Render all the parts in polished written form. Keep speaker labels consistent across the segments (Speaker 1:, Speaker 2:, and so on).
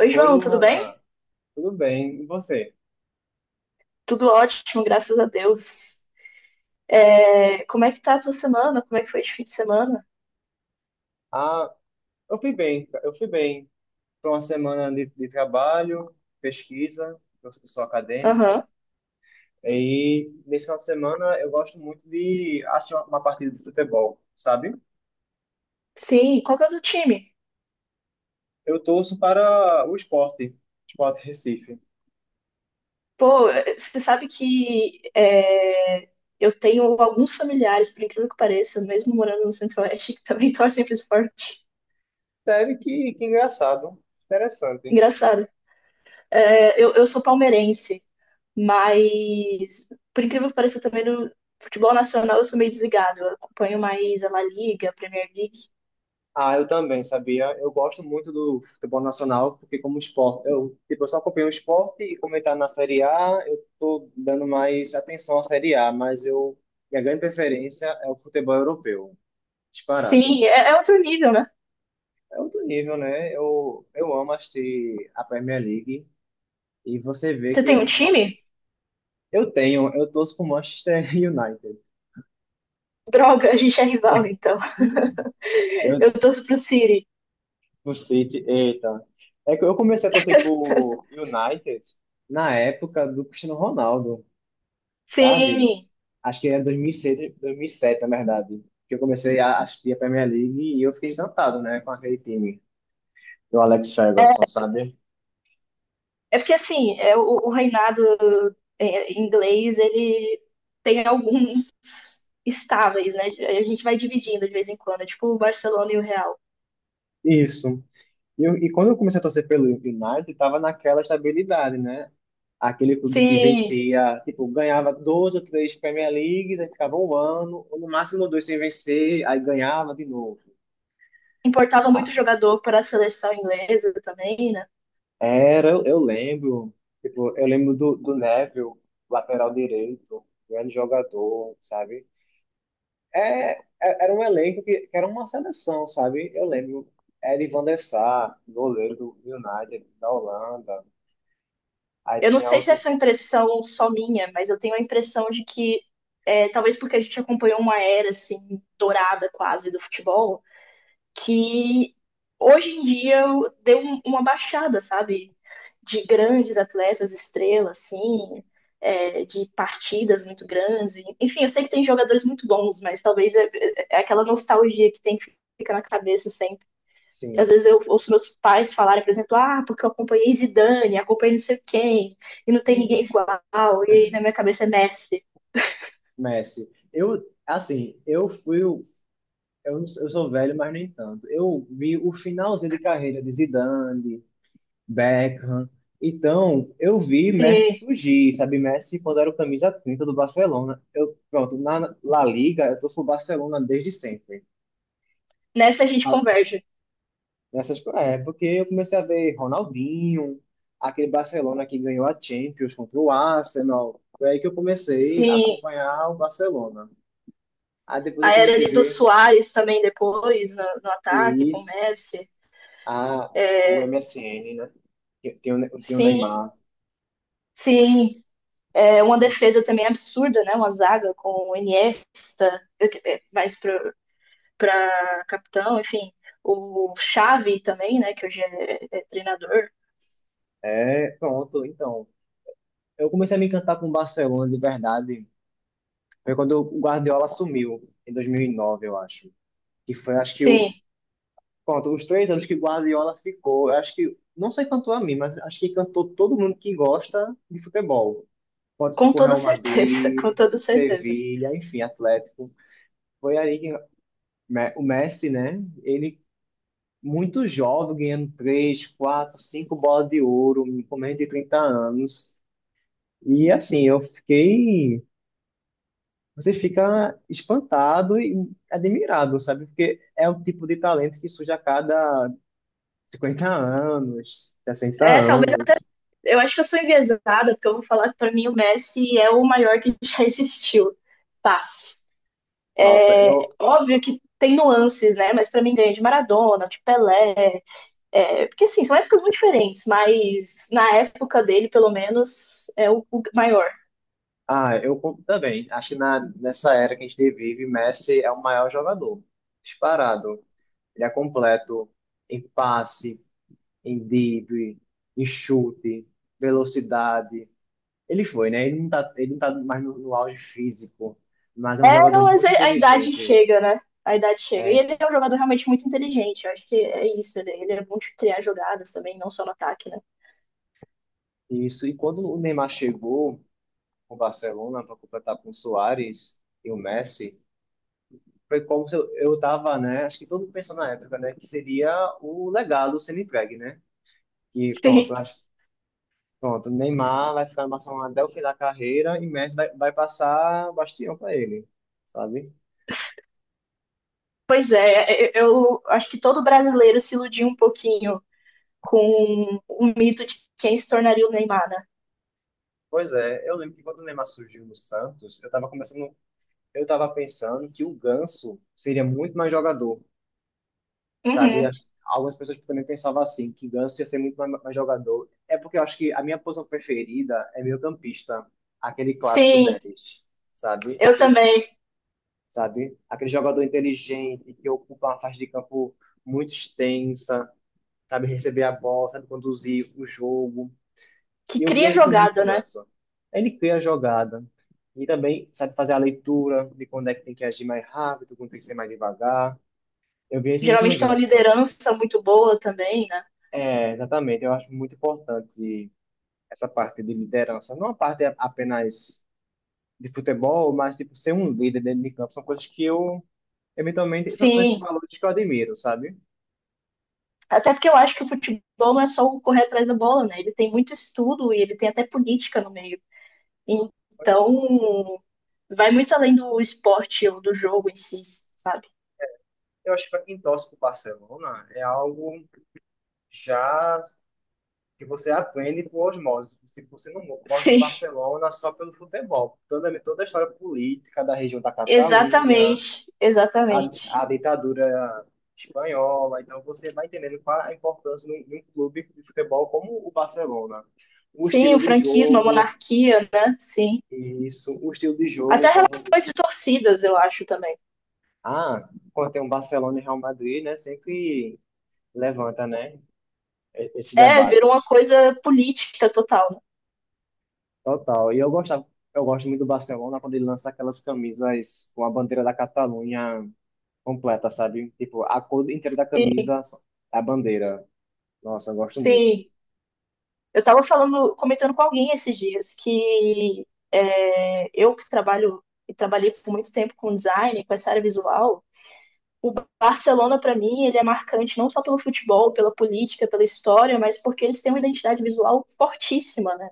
Speaker 1: Oi,
Speaker 2: Oi,
Speaker 1: João, tudo bem?
Speaker 2: Luana. Tudo bem? E você?
Speaker 1: Tudo ótimo, graças a Deus. Como é que tá a tua semana? Como é que foi de fim de semana?
Speaker 2: Ah, eu fui bem. Foi uma semana de trabalho, pesquisa. Eu sou acadêmico.
Speaker 1: Aham.
Speaker 2: E nesse final de semana eu gosto muito de assistir uma partida de futebol, sabe?
Speaker 1: Sim, qual que é o teu time?
Speaker 2: Eu torço para o esporte, Esporte Recife.
Speaker 1: Pô, você sabe eu tenho alguns familiares, por incrível que pareça, mesmo morando no Centro-Oeste, que também torcem pro esporte.
Speaker 2: Sério que engraçado. Interessante.
Speaker 1: Engraçado. Eu sou palmeirense, mas por incrível que pareça, também no futebol nacional eu sou meio desligado. Eu acompanho mais a La Liga, a Premier League.
Speaker 2: Ah, eu também, sabia? Eu gosto muito do futebol nacional, porque como esporte, eu, tipo, eu só acompanho o esporte e como ele tá na Série A, eu tô dando mais atenção à Série A, mas minha grande preferência é o futebol europeu, disparado.
Speaker 1: Sim, é outro nível, né?
Speaker 2: É outro nível, né? Eu amo assistir a Premier League e você vê
Speaker 1: Você
Speaker 2: que
Speaker 1: tem um time?
Speaker 2: eu tenho, eu torço pro Manchester United,
Speaker 1: Droga, a gente é rival, então. Eu
Speaker 2: eu,
Speaker 1: torço pro City.
Speaker 2: pro City, eita. É que eu comecei a torcer pro United na época do Cristiano Ronaldo.
Speaker 1: Sim,
Speaker 2: Sabe? Acho que era 2006, 2007, na verdade, que eu comecei a assistir a Premier League e eu fiquei encantado, né, com aquele time do Alex Ferguson, sabe?
Speaker 1: é porque assim, o reinado inglês, ele tem alguns estáveis, né? A gente vai dividindo de vez em quando, é tipo o Barcelona e o Real.
Speaker 2: Isso. E quando eu comecei a torcer pelo United, tava naquela estabilidade, né? Aquele clube que
Speaker 1: Sim,
Speaker 2: vencia, tipo, ganhava dois ou três Premier Leagues, aí ficava um ano, ou no máximo dois sem vencer, aí ganhava de novo.
Speaker 1: importava muito
Speaker 2: Ah,
Speaker 1: jogador para a seleção inglesa também, né?
Speaker 2: eu lembro, tipo, eu lembro do Neville, lateral direito, grande jogador, sabe? É, era um elenco que era uma seleção, sabe? Eu lembro, era Van der Sar, goleiro do United, da Holanda. Aí
Speaker 1: Eu não
Speaker 2: tinha
Speaker 1: sei se
Speaker 2: outro,
Speaker 1: essa é uma impressão só minha, mas eu tenho a impressão de que, talvez porque a gente acompanhou uma era, assim, dourada quase do futebol, que hoje em dia uma baixada, sabe? De grandes atletas, estrelas, assim, de partidas muito grandes. Enfim, eu sei que tem jogadores muito bons, mas talvez é aquela nostalgia que tem que ficar na cabeça sempre. Às
Speaker 2: sim,
Speaker 1: vezes eu ouço meus pais falarem, por exemplo, ah, porque eu acompanhei Zidane, acompanhei não sei quem, e não tem
Speaker 2: sim,
Speaker 1: ninguém igual, e aí na minha cabeça é Messi.
Speaker 2: Messi. Eu, assim, eu sou velho, mas nem tanto. Eu vi o finalzinho de carreira de Zidane, Beckham. Então, eu vi Messi
Speaker 1: Sim,
Speaker 2: surgir, sabe? Messi, quando era o camisa 30 do Barcelona. Eu, pronto, na La Liga, eu torço pro Barcelona desde sempre.
Speaker 1: nessa a gente converge.
Speaker 2: É, porque eu comecei a ver Ronaldinho, aquele Barcelona que ganhou a Champions contra o Arsenal. Foi aí que eu comecei a
Speaker 1: Sim,
Speaker 2: acompanhar o Barcelona. Aí depois
Speaker 1: a
Speaker 2: eu
Speaker 1: era
Speaker 2: comecei a
Speaker 1: ali do
Speaker 2: ver
Speaker 1: Suárez também depois, no ataque, com o
Speaker 2: isso,
Speaker 1: Messi.
Speaker 2: a, o MSN, né? Que Tem o, Ne- tem o
Speaker 1: Sim,
Speaker 2: Neymar.
Speaker 1: sim. É uma defesa também absurda, né? Uma zaga com o Iniesta, mais para capitão, enfim. O Xavi também, né? Que hoje é treinador.
Speaker 2: É, pronto, então. Eu comecei a me encantar com o Barcelona de verdade. Foi quando o Guardiola assumiu, em 2009, eu acho. Que foi, acho que, o,
Speaker 1: Sim,
Speaker 2: Pronto, os três anos que Guardiola ficou, eu acho que, não sei quanto a mim, mas acho que encantou todo mundo que gosta de futebol. Pode ser
Speaker 1: com
Speaker 2: por
Speaker 1: toda
Speaker 2: Real
Speaker 1: certeza, com
Speaker 2: Madrid,
Speaker 1: toda certeza.
Speaker 2: Sevilha, enfim, Atlético. Foi aí que Me- o Messi, né? Ele, muito jovem, ganhando três, quatro, cinco bolas de ouro, com menos de 30 anos. E assim, eu fiquei. Você fica espantado e admirado, sabe? Porque é o tipo de talento que surge a cada 50 anos, 60
Speaker 1: É, talvez
Speaker 2: anos.
Speaker 1: eu acho que eu sou enviesada, porque eu vou falar que para mim o Messi é o maior que já existiu. Fácil.
Speaker 2: Nossa,
Speaker 1: É,
Speaker 2: eu.
Speaker 1: óbvio que tem nuances, né? Mas pra mim ganha de Maradona, de Pelé. É, porque assim, são épocas muito diferentes, mas na época dele, pelo menos, o maior.
Speaker 2: Ah, eu compro também. Acho que nessa era que a gente vive, Messi é o maior jogador. Disparado. Ele é completo em passe, em drible, em chute, velocidade. Ele foi, né? Ele não tá mais no auge físico, mas é um
Speaker 1: É,
Speaker 2: jogador
Speaker 1: não, mas
Speaker 2: muito
Speaker 1: a idade
Speaker 2: inteligente.
Speaker 1: chega, né? A idade chega. E
Speaker 2: É,
Speaker 1: ele é um jogador realmente muito inteligente. Eu acho que é isso. Ele é bom de criar jogadas também, não só no ataque, né?
Speaker 2: isso. E quando o Neymar chegou com o Barcelona para completar com o Suárez e o Messi, foi como se eu tava, né? Acho que todo mundo pensou na época, né? Que seria o legado sendo entregue, né? Que pronto,
Speaker 1: Sim.
Speaker 2: acho, pronto, Neymar vai ficar no Barcelona até o fim da carreira e Messi vai passar bastião para ele, sabe?
Speaker 1: Pois é, eu acho que todo brasileiro se iludiu um pouquinho com o mito de quem se tornaria o Neymar, né?
Speaker 2: Pois é, eu lembro que quando o Neymar surgiu no Santos, eu tava começando, eu tava pensando que o Ganso seria muito mais jogador. Sabe?
Speaker 1: Uhum.
Speaker 2: Acho que algumas pessoas também pensavam assim, que Ganso ia ser muito mais jogador. É porque eu acho que a minha posição preferida é meio-campista, aquele clássico
Speaker 1: Sim,
Speaker 2: 10, sabe?
Speaker 1: eu
Speaker 2: Aquele,
Speaker 1: também.
Speaker 2: sabe? Aquele jogador inteligente que ocupa uma faixa de campo muito extensa, sabe receber a bola, sabe conduzir o jogo.
Speaker 1: Que
Speaker 2: E eu
Speaker 1: cria
Speaker 2: via isso muito
Speaker 1: jogada,
Speaker 2: no
Speaker 1: né?
Speaker 2: Ganso. Ele cria a jogada e também sabe fazer a leitura de quando é que tem que agir mais rápido, quando tem que ser mais devagar. Eu via isso muito no
Speaker 1: Geralmente tem uma
Speaker 2: Ganso.
Speaker 1: liderança muito boa também, né?
Speaker 2: É, exatamente. Eu acho muito importante essa parte de liderança. Não a parte apenas de futebol, mas tipo ser um líder dentro de campo. São coisas que eu, eventualmente, são esses
Speaker 1: Sim,
Speaker 2: valores que eu admiro, sabe?
Speaker 1: até porque eu acho que o futebol não é só o correr atrás da bola, né? Ele tem muito estudo e ele tem até política no meio. Então, vai muito além do esporte ou do jogo em si, sabe?
Speaker 2: Eu acho que para quem torce pro Barcelona é algo já que você aprende por osmose. Se você não gosta do
Speaker 1: Sim,
Speaker 2: Barcelona só pelo futebol, toda a história política da região da Catalunha,
Speaker 1: exatamente,
Speaker 2: a,
Speaker 1: exatamente.
Speaker 2: a ditadura espanhola. Então você vai entendendo qual a importância de um clube de futebol como o Barcelona. O
Speaker 1: Sim, o
Speaker 2: estilo de
Speaker 1: franquismo, a
Speaker 2: jogo,
Speaker 1: monarquia, né? Sim.
Speaker 2: isso, o estilo de
Speaker 1: Até
Speaker 2: jogo
Speaker 1: relações de torcidas, eu acho também.
Speaker 2: quando tem um Barcelona e Real Madrid, né, sempre levanta, né, esses
Speaker 1: É, virou uma
Speaker 2: debates.
Speaker 1: coisa política total.
Speaker 2: Total. E eu gostava, eu gosto muito do Barcelona quando ele lança aquelas camisas com a bandeira da Catalunha completa, sabe? Tipo, a cor inteira da
Speaker 1: Né? Sim,
Speaker 2: camisa é a bandeira. Nossa, eu gosto muito.
Speaker 1: sim. Eu estava falando, comentando com alguém esses dias que eu que trabalho e trabalhei por muito tempo com design, com essa área visual, o Barcelona para mim ele é marcante não só pelo futebol, pela política, pela história, mas porque eles têm uma identidade visual fortíssima, né?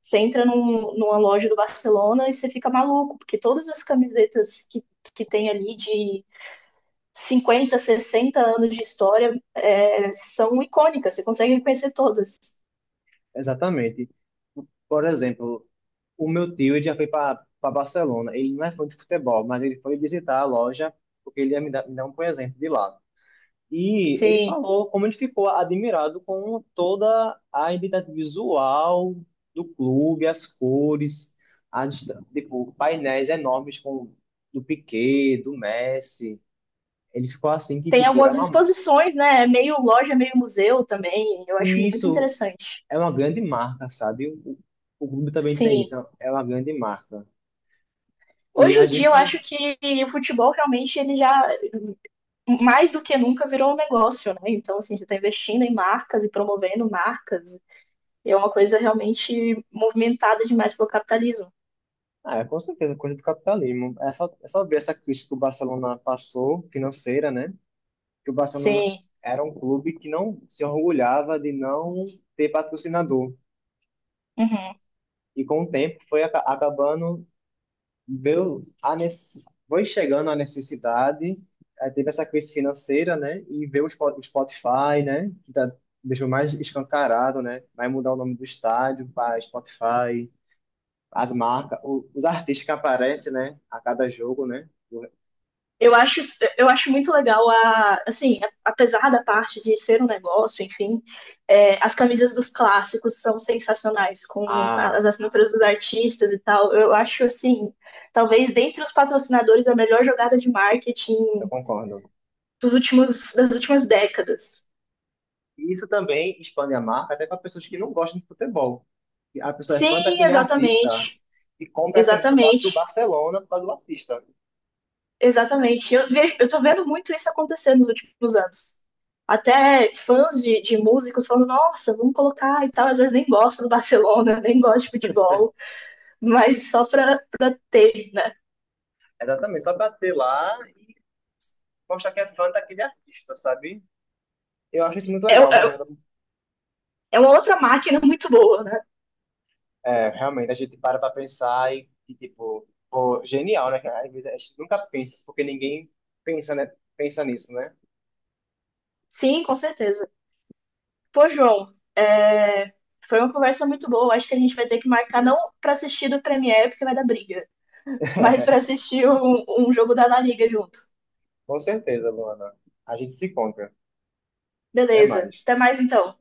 Speaker 1: Você entra numa loja do Barcelona e você fica maluco, porque todas as camisetas que tem ali de 50, 60 anos de história são icônicas, você consegue reconhecer todas.
Speaker 2: Exatamente. Por exemplo, o meu tio ele já foi para Barcelona. Ele não é fã de futebol, mas ele foi visitar a loja porque ele ia me dar um presente de lá. E ele
Speaker 1: Sim.
Speaker 2: falou como ele ficou admirado com toda a identidade visual do clube, as cores, as, tipo, painéis enormes com, do Piqué, do Messi. Ele ficou assim que,
Speaker 1: Tem
Speaker 2: tipo, é
Speaker 1: algumas
Speaker 2: uma,
Speaker 1: exposições, né? É meio loja, meio museu também. Eu acho
Speaker 2: e
Speaker 1: muito
Speaker 2: isso
Speaker 1: interessante.
Speaker 2: é uma grande marca, sabe? O clube também tem isso,
Speaker 1: Sim.
Speaker 2: é uma grande marca. E
Speaker 1: Hoje
Speaker 2: a
Speaker 1: em dia eu
Speaker 2: gente,
Speaker 1: acho que o futebol realmente ele já mais do que nunca virou um negócio, né? Então assim, você está investindo em marcas e promovendo marcas. E é uma coisa realmente movimentada demais pelo capitalismo.
Speaker 2: ah, é, com certeza, coisa do capitalismo. É só ver essa crise que o Barcelona passou, financeira, né? Que o Barcelona
Speaker 1: Sim.
Speaker 2: era um clube que não se orgulhava de não ter patrocinador.
Speaker 1: Uhum.
Speaker 2: E com o tempo foi acabando, deu a nece- foi chegando a necessidade, aí teve essa crise financeira, né? E veio o Spotify, né? Que tá, deixou mais escancarado, né? Vai mudar o nome do estádio para Spotify. As marcas, os artistas que aparecem, né, a cada jogo, né? O-
Speaker 1: Eu acho, eu acho muito legal assim, apesar da parte de ser um negócio, enfim, as camisas dos clássicos são sensacionais, com
Speaker 2: Ah,
Speaker 1: as assinaturas dos artistas e tal. Eu acho assim, talvez dentre os patrocinadores a melhor jogada de
Speaker 2: eu
Speaker 1: marketing
Speaker 2: concordo.
Speaker 1: das últimas décadas.
Speaker 2: E isso também expande a marca até para pessoas que não gostam de futebol. E a pessoa é
Speaker 1: Sim,
Speaker 2: fã daquele artista
Speaker 1: exatamente,
Speaker 2: e compra a camisa do
Speaker 1: exatamente.
Speaker 2: Barcelona por causa do artista.
Speaker 1: Exatamente. Eu tô vendo muito isso acontecer nos últimos anos. Até fãs de músicos falando, nossa, vamos colocar e tal. Às vezes nem gosto do Barcelona, nem gosto de futebol, mas só pra ter, né?
Speaker 2: Exatamente, só para ter lá e mostrar que é fã daquele artista, sabe? Eu acho isso muito
Speaker 1: É,
Speaker 2: legal, mas
Speaker 1: é, é uma outra máquina muito boa, né?
Speaker 2: é, realmente a gente para pensar e, tipo, pô, genial, né? Cara? Às vezes a gente nunca pensa, porque ninguém pensa, né? Pensa nisso, né?
Speaker 1: Sim, com certeza. Pô, João, foi uma conversa muito boa. Acho que a gente vai ter que marcar, não pra assistir do Premier, porque vai dar briga, mas pra assistir um jogo da La Liga junto.
Speaker 2: Com certeza, Luana. A gente se encontra. Até
Speaker 1: Beleza.
Speaker 2: mais.
Speaker 1: Até mais então.